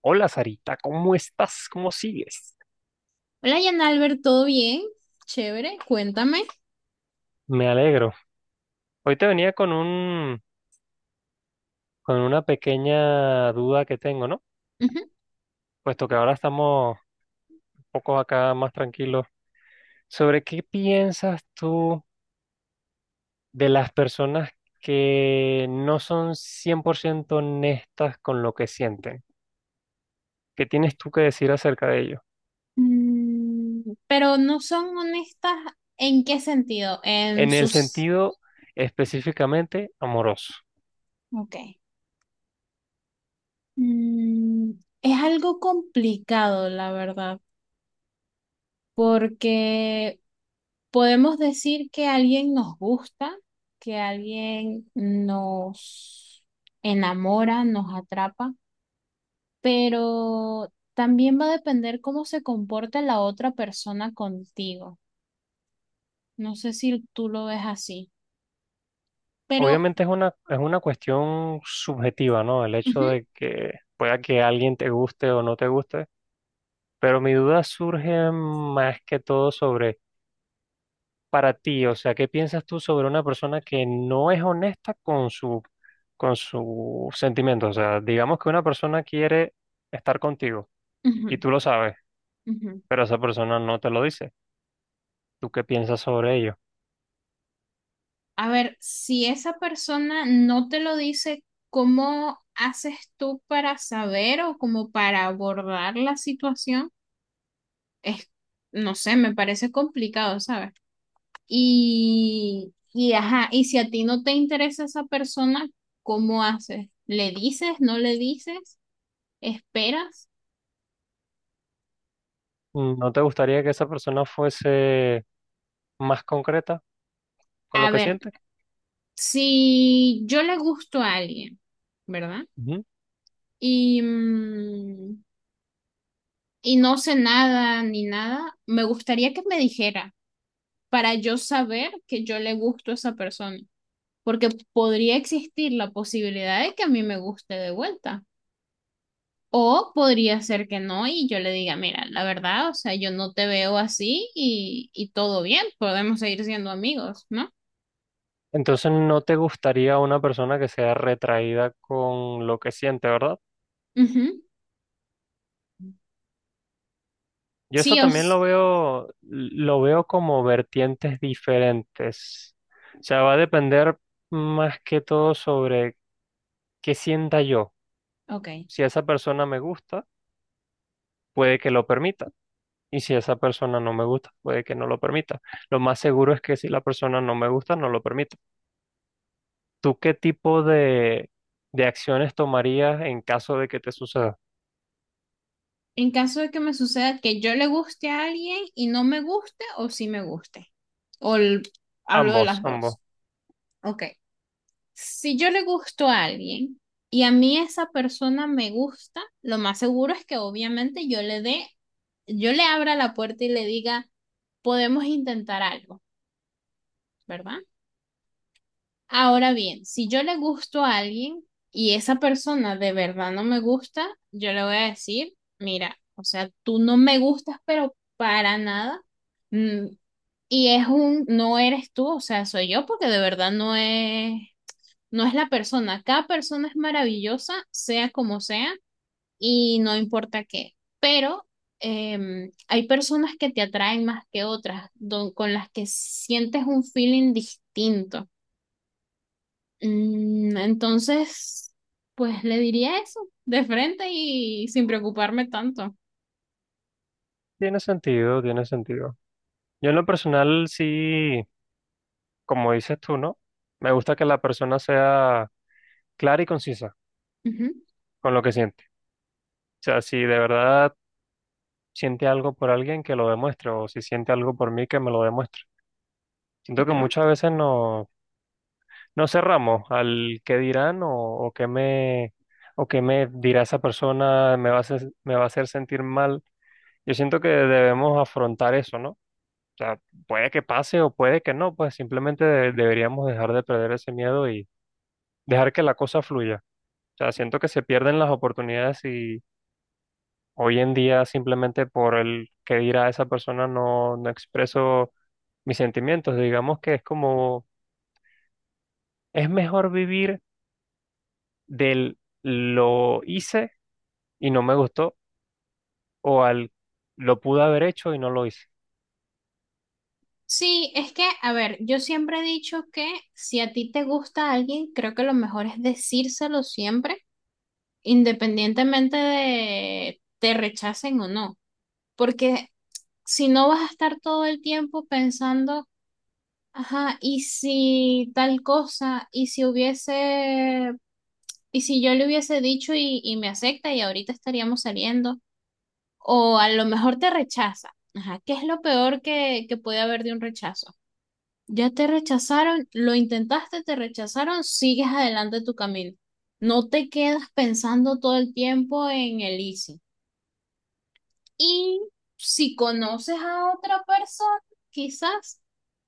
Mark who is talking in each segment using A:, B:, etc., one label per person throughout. A: Hola Sarita, ¿cómo estás? ¿Cómo sigues?
B: Hola, Jan Albert, ¿todo bien? Chévere, cuéntame.
A: Me alegro. Hoy te venía con una pequeña duda que tengo, ¿no?
B: Ujú.
A: Puesto que ahora estamos un poco acá más tranquilos. ¿Sobre qué piensas tú de las personas que no son 100% honestas con lo que sienten? ¿Qué tienes tú que decir acerca de ello?
B: Pero no son honestas, ¿en qué sentido? En
A: En el
B: sus...
A: sentido específicamente amoroso.
B: Ok. Mm, es algo complicado, la verdad, porque podemos decir que alguien nos gusta, que alguien nos enamora, nos atrapa, pero también va a depender cómo se comporta la otra persona contigo. No sé si tú lo ves así, pero
A: Obviamente es una cuestión subjetiva, ¿no? El hecho
B: ujú,
A: de que pueda que alguien te guste o no te guste, pero mi duda surge más que todo sobre para ti, o sea, ¿qué piensas tú sobre una persona que no es honesta con con sus sentimientos? O sea, digamos que una persona quiere estar contigo y
B: ujú,
A: tú lo sabes,
B: ujú.
A: pero esa persona no te lo dice. ¿Tú qué piensas sobre ello?
B: A ver, si esa persona no te lo dice, ¿cómo haces tú para saber o como para abordar la situación? Es, no sé, me parece complicado, ¿sabes? Y ajá, y si a ti no te interesa esa persona, ¿cómo haces? ¿Le dices? ¿No le dices? ¿Esperas?
A: ¿No te gustaría que esa persona fuese más concreta con lo
B: A
A: que
B: ver,
A: siente?
B: si yo le gusto a alguien, ¿verdad? Y, y no sé nada ni nada, me gustaría que me dijera para yo saber que yo le gusto a esa persona, porque podría existir la posibilidad de que a mí me guste de vuelta. O podría ser que no y yo le diga, mira, la verdad, o sea, yo no te veo así y todo bien, podemos seguir siendo amigos, ¿no?
A: Entonces no te gustaría una persona que sea retraída con lo que siente, ¿verdad?
B: Ujú.
A: Yo
B: Sí,
A: eso también
B: os...
A: lo veo como vertientes diferentes. O sea, va a depender más que todo sobre qué sienta yo.
B: Ok.
A: Si esa persona me gusta, puede que lo permita. Y si esa persona no me gusta, puede que no lo permita. Lo más seguro es que si la persona no me gusta, no lo permita. ¿Tú qué tipo de acciones tomarías en caso de que te suceda?
B: En caso de que me suceda que yo le guste a alguien y no me guste o sí me guste. O el- hablo de
A: Ambos,
B: las
A: ambos.
B: dos. Ok. Si yo le gusto a alguien y a mí esa persona me gusta, lo más seguro es que obviamente yo le dé, yo le abra la puerta y le diga, podemos intentar algo, ¿verdad? Ahora bien, si yo le gusto a alguien y esa persona de verdad no me gusta, yo le voy a decir, mira, o sea, tú no me gustas, pero para nada. Mm, Y es un, no eres tú, o sea, soy yo porque de verdad no es. No es la persona, cada persona es maravillosa, sea como sea, y no importa qué. Pero hay personas que te atraen más que otras, con las que sientes un feeling distinto. Entonces, pues le diría eso de frente y sin preocuparme tanto.
A: Tiene sentido, tiene sentido. Yo en lo personal sí, como dices tú, ¿no? Me gusta que la persona sea clara y concisa
B: Ujú,
A: con lo que siente. O sea, si de verdad siente algo por alguien, que lo demuestre, o si siente algo por mí, que me lo demuestre. Siento que
B: claro.
A: muchas veces no, no cerramos al qué dirán o qué me dirá esa persona, me va a hacer sentir mal. Yo siento que debemos afrontar eso, ¿no? O sea, puede que pase o puede que no, pues simplemente deberíamos dejar de perder ese miedo y dejar que la cosa fluya. O sea, siento que se pierden las oportunidades y hoy en día simplemente por el que dirá esa persona no, no expreso mis sentimientos. Digamos que es como, es mejor vivir del lo hice y no me gustó o al lo pude haber hecho y no lo hice.
B: Sí, es que, a ver, yo siempre he dicho que si a ti te gusta alguien, creo que lo mejor es decírselo siempre independientemente de te rechacen o no, porque si no vas a estar todo el tiempo pensando, ajá, y si tal cosa, y si hubiese, y si yo le hubiese dicho y me acepta y ahorita estaríamos saliendo, o a lo mejor te rechaza, ajá, ¿qué es lo peor que puede haber de un rechazo? Ya te rechazaron, lo intentaste, te rechazaron, sigues adelante tu camino. No te quedas pensando todo el tiempo en el easy. Y si conoces a otra persona, quizás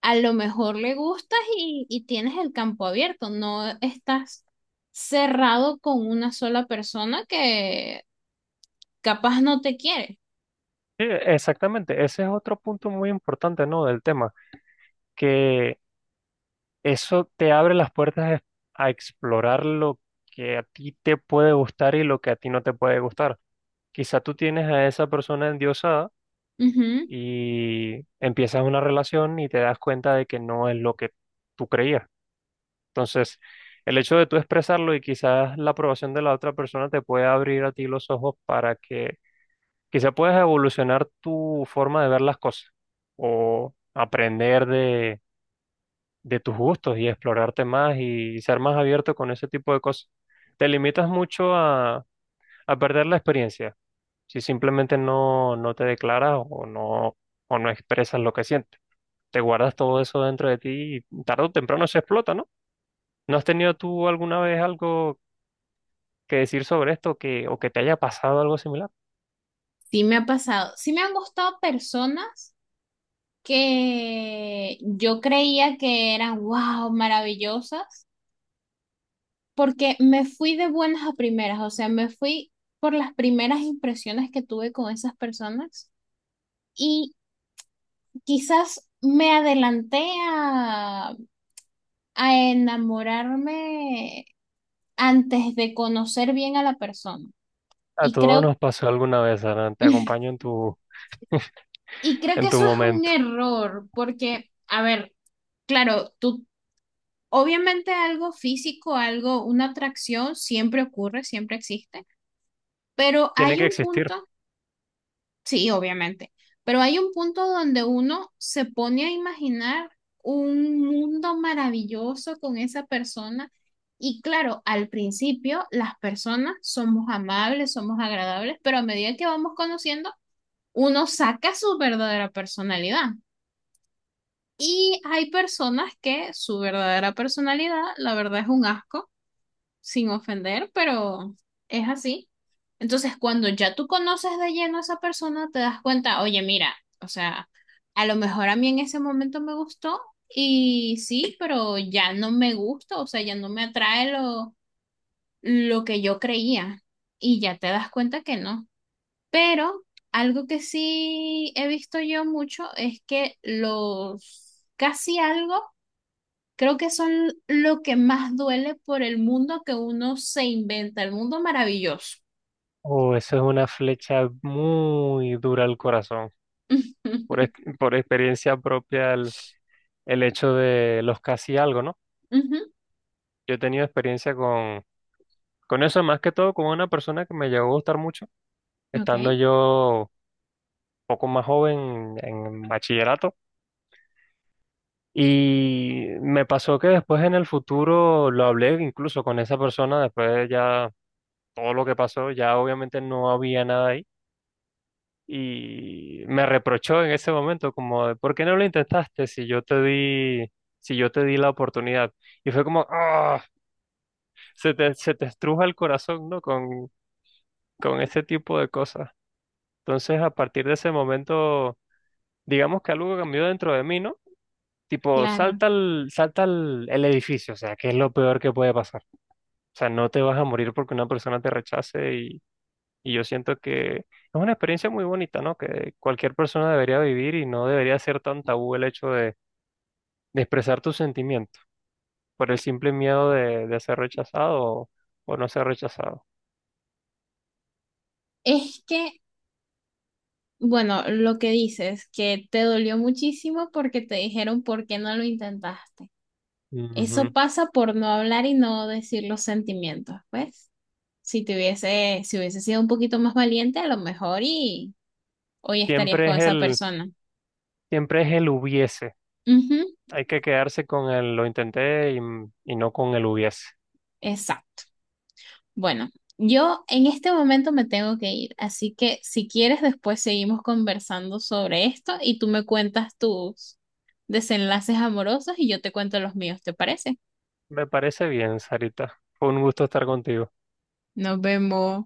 B: a lo mejor le gustas y tienes el campo abierto, no estás cerrado con una sola persona que capaz no te quiere.
A: Sí, exactamente, ese es otro punto muy importante, ¿no? Del tema, que eso te abre las puertas a explorar lo que a ti te puede gustar y lo que a ti no te puede gustar. Quizá tú tienes a esa persona endiosada
B: Ujú,
A: y empiezas una relación y te das cuenta de que no es lo que tú creías. Entonces, el hecho de tú expresarlo y quizás la aprobación de la otra persona te puede abrir a ti los ojos para que quizá puedas evolucionar tu forma de ver las cosas o aprender de tus gustos y explorarte más y ser más abierto con ese tipo de cosas. Te limitas mucho a perder la experiencia si simplemente no, no te declaras o o no expresas lo que sientes. Te guardas todo eso dentro de ti y tarde o temprano se explota, ¿no? ¿No has tenido tú alguna vez algo que decir sobre esto que te haya pasado algo similar?
B: sí me ha pasado. Sí me han gustado personas que yo creía que eran, wow, maravillosas, porque me fui de buenas a primeras, o sea, me fui por las primeras impresiones que tuve con esas personas. Y quizás me adelanté a, a enamorarme antes de conocer bien a la persona.
A: A
B: Y
A: todos
B: creo,
A: nos pasó alguna vez, Aran. Te acompaño en tu,
B: y creo que
A: en tu
B: eso es un
A: momento.
B: error, porque, a ver, claro, tú, obviamente algo físico, algo, una atracción siempre ocurre, siempre existe, pero
A: Tiene
B: hay
A: que
B: un
A: existir.
B: punto. Sí, obviamente. Pero hay un punto donde uno se pone a imaginar un mundo maravilloso con esa persona. Y claro, al principio las personas somos amables, somos agradables, pero a medida que vamos conociendo, uno saca su verdadera personalidad. Y hay personas que su verdadera personalidad, la verdad, es un asco sin ofender, pero es así. Entonces, cuando ya tú conoces de lleno a esa persona, te das cuenta, oye, mira, o sea, a lo mejor a mí en ese momento me gustó y sí, pero ya no me gusta, o sea, ya no me atrae lo que yo creía y ya te das cuenta que no. Pero algo que sí he visto yo mucho es que los casi algo. Creo que son lo que más duele por el mundo que uno se inventa, el mundo maravilloso.
A: Oh, eso es una flecha muy dura al corazón. Por,
B: Ujú,
A: ex- por experiencia propia el hecho de los casi algo, ¿no?
B: ujú,
A: Yo he tenido experiencia con eso, más que todo con una persona que me llegó a gustar mucho,
B: ok,
A: estando yo poco más joven en bachillerato. Y me pasó que después en el futuro lo hablé incluso con esa persona, después de ya todo lo que pasó, ya obviamente no había nada ahí. Y me reprochó en ese momento como, de, ¿por qué no lo intentaste si yo te di la oportunidad? Y fue como, ¡ah! Se te estruja el corazón, ¿no? Con ese tipo de cosas. Entonces, a partir de ese momento, digamos que algo cambió dentro de mí, ¿no? Tipo,
B: claro.
A: el edificio, o sea, que es lo peor que puede pasar. O sea, no te vas a morir porque una persona te rechace y yo siento que es una experiencia muy bonita, ¿no? Que cualquier persona debería vivir y no debería ser tan tabú el hecho de expresar tus sentimientos por el simple miedo de ser rechazado o no ser rechazado.
B: Es que, bueno, lo que dices, que te dolió muchísimo porque te dijeron por qué no lo intentaste. Eso
A: Ujú.
B: pasa por no hablar y no decir los sentimientos, pues. Si te hubiese, si hubiese sido un poquito más valiente, a lo mejor y hoy estarías
A: Siempre
B: con
A: es
B: esa
A: el,
B: persona.
A: Siempre es el hubiese.
B: Ujú,
A: Hay que quedarse con el lo intenté y no con el hubiese.
B: exacto. Bueno, yo en este momento me tengo que ir, así que si quieres después seguimos conversando sobre esto y tú me cuentas tus desenlaces amorosos y yo te cuento los míos, ¿te parece?
A: Me parece bien, Sarita. Fue un gusto estar contigo.
B: Nos vemos.